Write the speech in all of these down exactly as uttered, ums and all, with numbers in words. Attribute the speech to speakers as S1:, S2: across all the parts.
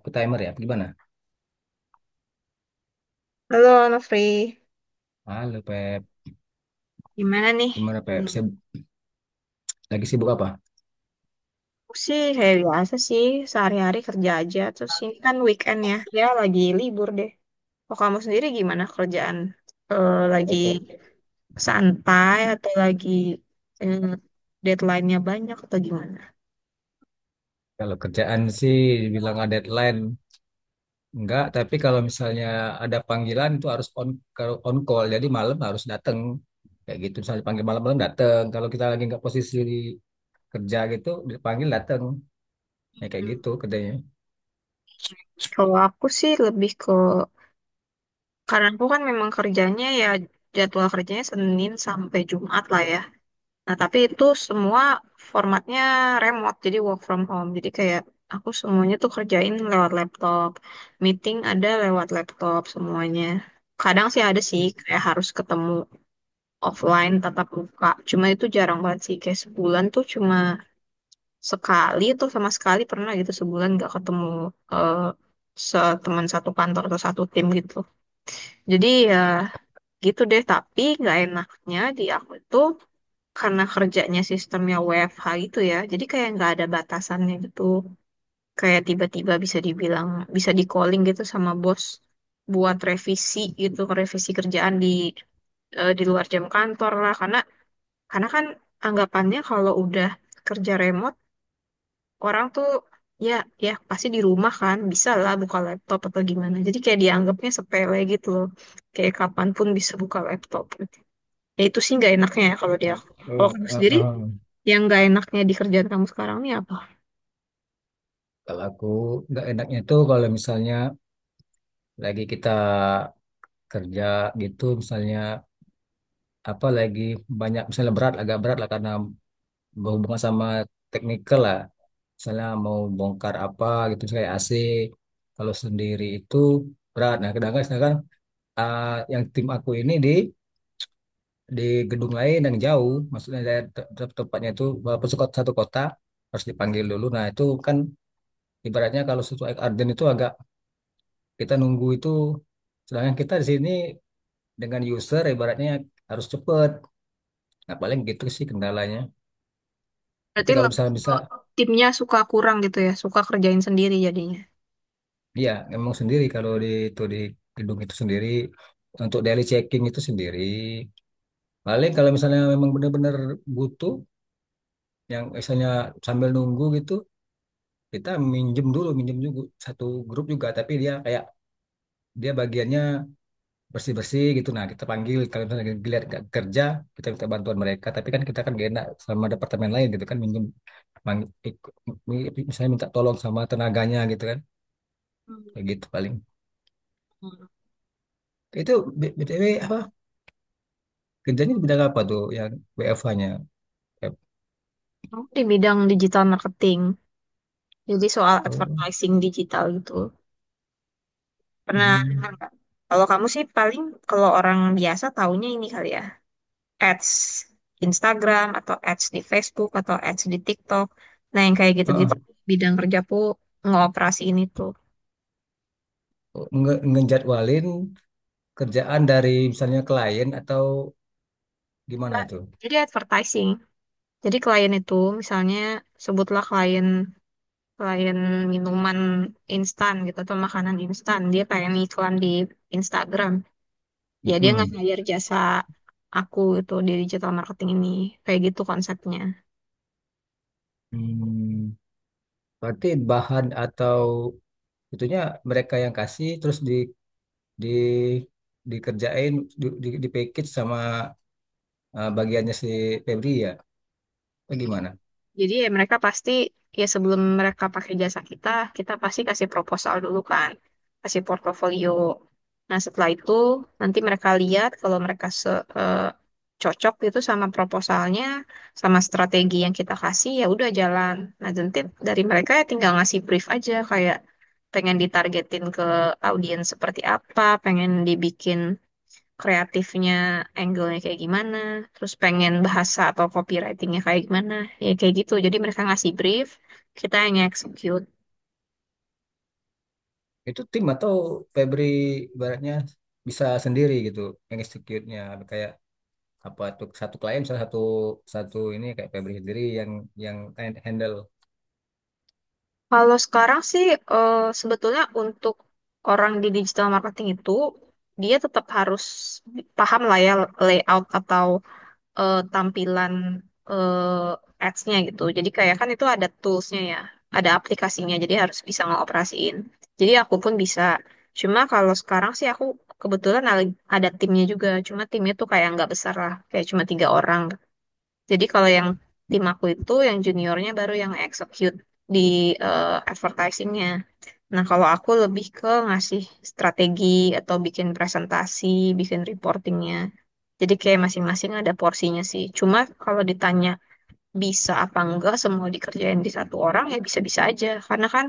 S1: Aku timer ya, apa gimana?
S2: Halo, Nofri.
S1: Halo Pep,
S2: Gimana nih?
S1: gimana Pep?
S2: Hmm,
S1: Sib- lagi sibuk apa?
S2: Aku sih kayak biasa sih, sehari-hari kerja aja. Terus ini kan weekend ya, ya lagi libur deh. Kok kamu sendiri gimana kerjaan? Eh, lagi
S1: Aku
S2: santai atau lagi eh, deadline-nya banyak atau gimana?
S1: Kalau kerjaan sih bilang ada deadline, enggak. Tapi kalau misalnya ada panggilan itu harus on, kalau on call, jadi malam harus datang. Kayak gitu, misalnya dipanggil malam-malam datang. Kalau kita lagi nggak posisi di kerja gitu, dipanggil datang. Ya kayak
S2: Hmm,
S1: gitu kerjanya.
S2: Kalau aku sih lebih ke, karena aku kan memang kerjanya ya jadwal kerjanya Senin sampai Jumat lah ya. Nah, tapi itu semua formatnya remote, jadi work from home. Jadi kayak aku semuanya tuh kerjain lewat laptop. Meeting ada lewat laptop semuanya. Kadang sih ada sih kayak harus ketemu offline tatap muka. Cuma itu jarang banget sih. Kayak sebulan tuh cuma sekali tuh sama sekali pernah gitu sebulan nggak ketemu eh, se- teman satu kantor atau satu tim gitu. Jadi ya gitu deh. Tapi nggak enaknya di aku itu karena kerjanya sistemnya W F H gitu ya, jadi kayak nggak ada batasannya gitu. Kayak tiba-tiba bisa dibilang, bisa di calling gitu sama bos buat revisi gitu, revisi kerjaan di eh, di luar jam kantor lah. Karena karena kan anggapannya kalau udah kerja remote, orang tuh ya ya pasti di rumah kan, bisa lah buka laptop atau gimana. Jadi kayak dianggapnya sepele gitu loh, kayak kapanpun bisa buka laptop gitu. Ya itu sih nggak enaknya ya kalau dia. Kalau
S1: Oh,
S2: kamu
S1: oh,
S2: sendiri
S1: oh.
S2: yang nggak enaknya di kerjaan kamu sekarang nih apa?
S1: Kalau aku nggak enaknya tuh kalau misalnya lagi kita kerja gitu, misalnya apa lagi banyak, misalnya berat, agak berat lah, karena berhubungan sama teknikal lah, misalnya mau bongkar apa gitu, misalnya A C kalau sendiri itu berat. Nah, kadang sedangkan ah, yang tim aku ini di di gedung lain yang jauh, maksudnya saya te- te- tempatnya itu walaupun suka- satu kota harus dipanggil dulu. Nah, itu kan ibaratnya kalau sesuai Arden itu agak, kita nunggu itu, sedangkan kita di sini dengan user ibaratnya harus cepet. Nah, paling gitu sih kendalanya, tapi
S2: Berarti
S1: kalau bisa,
S2: lebih ke
S1: bisa.
S2: timnya suka kurang gitu ya, suka kerjain sendiri jadinya.
S1: Iya, memang sendiri kalau di itu di gedung itu sendiri, untuk daily checking itu sendiri. Paling kalau misalnya memang benar-benar butuh yang misalnya sambil nunggu gitu, kita minjem dulu. Minjem juga satu grup juga, tapi dia kayak dia bagiannya bersih-bersih gitu. Nah, kita panggil kalau misalnya dilihat nggak kerja, kita minta bantuan mereka. Tapi kan kita kan gak enak sama departemen lain gitu kan, minjem, mang- ik- mi- misalnya minta tolong sama tenaganya gitu kan.
S2: Hmm.
S1: Kayak gitu paling. Itu, B- BTW, apa kerjanya di bidang apa tuh yang W F H-nya?
S2: Kamu di bidang digital marketing, jadi soal
S1: Oh,
S2: advertising digital gitu. Pernah
S1: hmm.
S2: dengar nggak? Kalau kamu sih paling kalau orang biasa taunya ini kali ya, ads Instagram atau ads di Facebook atau ads di TikTok. Nah, yang kayak gitu-gitu
S1: Heeh.
S2: bidang kerjaku ngoperasi ini tuh.
S1: Nge- ngejadwalin kerjaan dari misalnya klien atau gimana itu?
S2: Jadi advertising. Jadi klien itu misalnya sebutlah klien selain minuman instan gitu atau makanan instan dia pengen iklan di Instagram ya dia nggak
S1: Mm-mm.
S2: hire jasa aku itu di digital marketing ini kayak gitu konsepnya.
S1: Hmm. Berarti bahan atau itunya mereka yang kasih, terus di di dikerjain di, di, di package sama, eh, bagiannya si Febri ya? Atau gimana?
S2: Jadi ya mereka pasti ya sebelum mereka pakai jasa kita, kita pasti kasih proposal dulu kan, kasih portofolio. Nah setelah itu nanti mereka lihat kalau mereka se eh, cocok itu sama proposalnya, sama strategi yang kita kasih ya udah jalan. Nah nanti dari mereka ya tinggal ngasih brief aja kayak pengen ditargetin ke audiens seperti apa, pengen dibikin kreatifnya, angle-nya kayak gimana, terus pengen bahasa atau copywriting-nya kayak gimana, ya kayak gitu. Jadi mereka ngasih brief, kita yang execute.
S1: Itu tim atau Febri ibaratnya bisa sendiri gitu yang execute-nya, kayak apa tuh, satu klien, salah satu, satu ini, kayak Febri sendiri yang yang handle.
S2: Kalau sekarang sih eh, sebetulnya untuk orang di digital marketing itu dia tetap harus paham lah ya layout atau eh, tampilan eh, ads-nya gitu. Jadi kayak kan itu ada tools-nya ya, ada aplikasinya, jadi harus bisa ngoperasiin. Jadi aku pun bisa. Cuma kalau sekarang sih aku kebetulan al- ada timnya juga, cuma timnya tuh kayak nggak besar lah, kayak cuma tiga orang. Jadi kalau yang tim aku itu, yang juniornya baru yang execute di eh, advertising-nya. Nah, kalau aku lebih ke ngasih strategi atau bikin presentasi, bikin reportingnya. Jadi kayak masing-masing ada porsinya sih. Cuma kalau ditanya bisa apa enggak semua dikerjain di satu orang ya bisa-bisa aja. Karena kan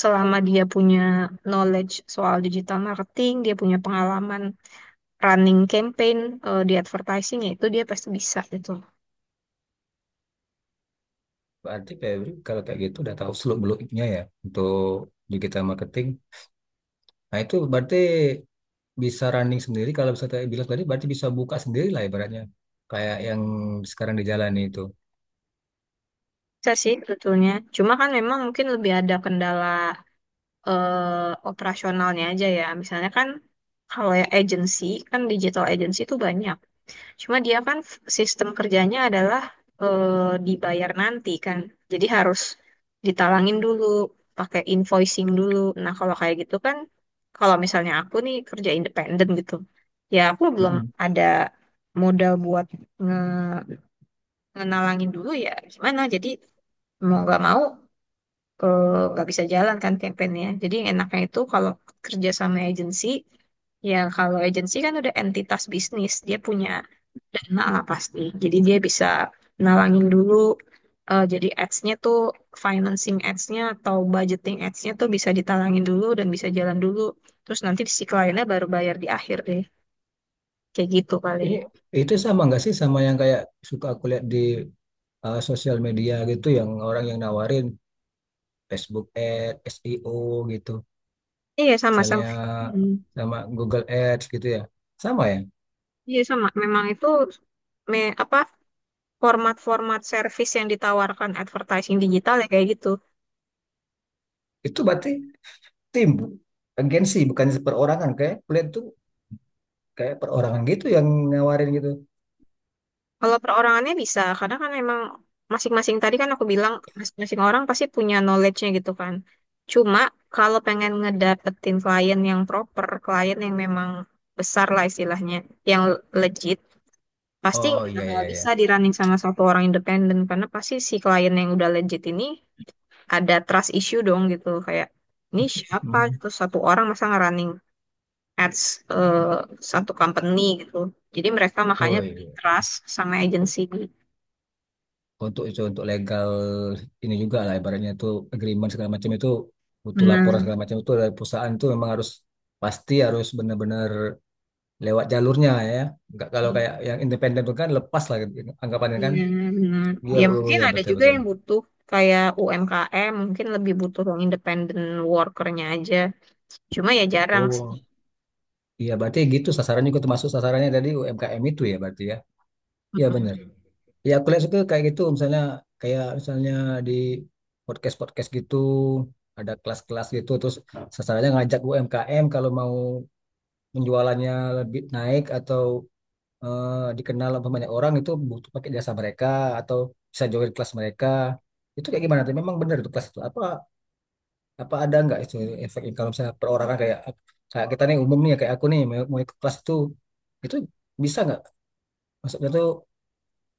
S2: selama dia punya knowledge soal digital marketing, dia punya pengalaman running campaign eh, di advertising ya itu dia pasti bisa gitu.
S1: Berarti Febri kalau kayak gitu udah tahu seluk beluknya ya untuk digital marketing. Nah, itu berarti bisa running sendiri. Kalau bisa tadi bilang, tadi berarti bisa buka sendiri lah ibaratnya, kayak yang sekarang dijalani itu.
S2: Bisa sih sebetulnya. Cuma kan memang mungkin lebih ada kendala eh, operasionalnya aja ya. Misalnya kan kalau ya agency kan digital agency itu banyak. Cuma dia kan f- sistem kerjanya adalah eh, dibayar nanti kan. Jadi harus ditalangin dulu, pakai invoicing dulu. Nah, kalau kayak gitu kan kalau misalnya aku nih kerja independen gitu. Ya aku belum
S1: Mm-mm.
S2: ada modal buat nge ngenalangin dulu ya gimana. Jadi mau gak mau eh, nggak bisa jalan kan campaignnya. Jadi yang enaknya itu kalau kerja sama agensi, ya kalau agensi kan udah entitas bisnis, dia punya dana lah pasti. Jadi dia bisa nalangin dulu, eh, jadi ads-nya tuh financing ads-nya atau budgeting ads-nya tuh bisa ditalangin dulu dan bisa jalan dulu. Terus nanti si kliennya baru bayar di akhir deh, kayak gitu paling.
S1: Ini itu sama nggak sih sama yang kayak suka aku lihat di, uh, sosial media gitu yang orang yang nawarin Facebook ad, S E O gitu
S2: Iya
S1: misalnya,
S2: sama-sama. Hmm.
S1: sama Google Ads gitu ya. Sama ya.
S2: Iya sama, memang itu me apa format-format service yang ditawarkan advertising digital ya kayak gitu.
S1: Itu berarti tim, agensi, bukan perorangan. Kayak kuliah tuh kayak perorangan gitu yang nawarin gitu.
S2: Kalau perorangannya bisa, karena kan emang masing-masing tadi kan aku bilang masing-masing orang pasti punya knowledge-nya gitu kan. Cuma kalau pengen ngedapetin klien yang proper, klien yang memang besar lah istilahnya, yang legit, pasti
S1: Oh,
S2: nggak
S1: iya,
S2: bakal
S1: iya, iya.
S2: bisa di running sama satu orang independen karena pasti si klien yang udah legit ini ada trust issue dong gitu kayak ini siapa
S1: Mhm.
S2: gitu satu orang masa ngerunning ads eh, satu company gitu. Jadi mereka makanya
S1: Oh,
S2: lebih
S1: iya.
S2: trust sama agensi.
S1: Untuk itu, untuk legal ini juga lah ibaratnya, itu agreement segala macam, itu butuh laporan
S2: Benar.
S1: segala macam, itu dari perusahaan tuh memang harus, pasti harus benar-benar lewat jalurnya ya. Enggak, kalau kayak yang independen tuh kan lepas lah anggapannya kan.
S2: Iya, benar.
S1: Iya,
S2: Ya
S1: oh,
S2: mungkin
S1: iya,
S2: ada
S1: betul,
S2: juga
S1: betul.
S2: yang butuh kayak U M K M, mungkin lebih butuh yang independent workernya aja. Cuma ya jarang sih.
S1: Oh, iya, berarti gitu sasarannya juga, termasuk sasarannya tadi U M K M itu ya berarti ya. Iya, benar.
S2: Mm-mm.
S1: Ya aku lihat suka kayak gitu misalnya, kayak misalnya di podcast-podcast gitu ada kelas-kelas gitu, terus sasarannya ngajak U M K M kalau mau penjualannya lebih naik atau eh, dikenal sama banyak orang, itu butuh pakai jasa mereka atau bisa join kelas mereka. Itu kayak gimana tuh? Memang benar itu kelas itu, apa, apa ada nggak itu efek kalau misalnya perorangan, kayak kayak kita nih, umum nih ya, kayak aku nih mau, mau ikut kelas itu itu bisa nggak, maksudnya tuh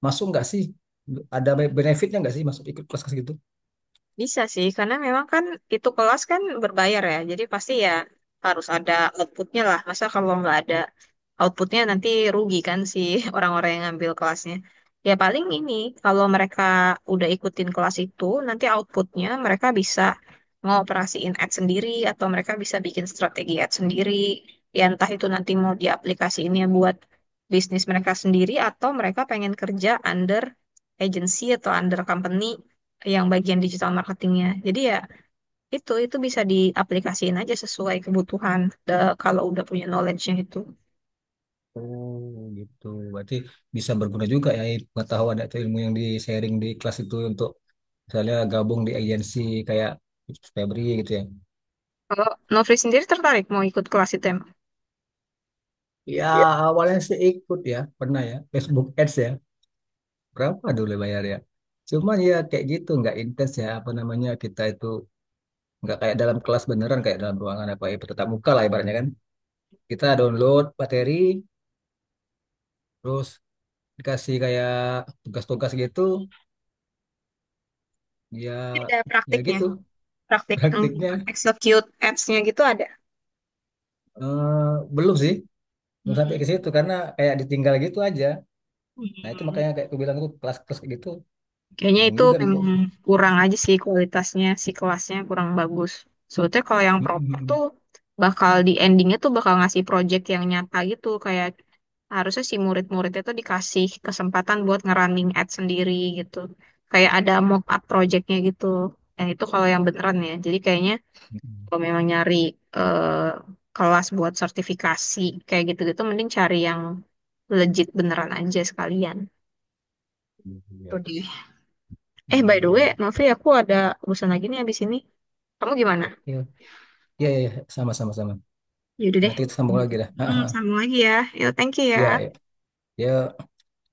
S1: masuk nggak sih, ada be- benefitnya nggak sih masuk ikut kelas kelas gitu?
S2: Bisa sih, karena memang kan itu kelas kan berbayar ya, jadi pasti ya harus ada outputnya lah. Masa kalau nggak ada outputnya nanti rugi kan si orang-orang yang ngambil kelasnya. Ya paling ini, kalau mereka udah ikutin kelas itu, nanti outputnya mereka bisa ngoperasiin ad sendiri atau mereka bisa bikin strategi ad sendiri. Ya entah itu nanti mau diaplikasiinnya buat bisnis mereka sendiri atau mereka pengen kerja under agency atau under company yang bagian digital marketingnya. Jadi ya itu itu bisa diaplikasiin aja sesuai kebutuhan eh, kalau udah punya knowledge-nya itu.
S1: Oh gitu, berarti bisa berguna juga ya, i- pengetahuan atau ilmu yang di sharing di kelas itu untuk misalnya gabung di agensi kayak Febri gitu ya.
S2: Kalau Novri sendiri tertarik mau ikut kelas itu emang?
S1: Ya
S2: Iya.
S1: awalnya sih ikut ya, pernah ya Facebook Ads ya, berapa dulu bayar ya. Cuman ya kayak gitu nggak intens ya, apa namanya, kita itu nggak kayak dalam kelas beneran, kayak dalam ruangan apa ya, tetap muka lah ibaratnya kan. Kita download materi terus dikasih kayak tugas-tugas gitu ya.
S2: Ada
S1: Ya
S2: praktiknya,
S1: gitu.
S2: praktik yang
S1: Praktiknya,
S2: execute apps nya gitu ada.
S1: eh, belum sih belum sampai ke
S2: Hmm.
S1: situ karena kayak ditinggal gitu aja. Nah itu
S2: Hmm.
S1: makanya kayak aku bilang tuh kelas-kelas kayak gitu,
S2: Kayaknya
S1: bingung
S2: itu
S1: juga.
S2: memang kurang aja sih kualitasnya, si kelasnya kurang bagus. Soalnya kalau yang proper
S1: Mm-mm.
S2: tuh bakal di endingnya tuh bakal ngasih project yang nyata gitu, kayak harusnya si murid-murid itu dikasih kesempatan buat ngerunning ad sendiri gitu. Kayak ada mock up projectnya gitu. Yang itu kalau yang beneran ya. Jadi kayaknya kalau memang nyari eh, kelas buat sertifikasi kayak gitu-gitu, mending cari yang legit beneran aja sekalian.
S1: Iya.
S2: Tuh deh. Eh, by the way,
S1: Hmm.
S2: Novi, aku ada urusan lagi nih abis ini. Kamu gimana?
S1: Oke, ya, ya, ya, sama, sama, sama.
S2: Yaudah deh.
S1: Nanti kita sambung
S2: Gitu.
S1: lagi lah.
S2: Hmm, sambung lagi ya. Yo, thank you ya.
S1: Ya, ya, ya.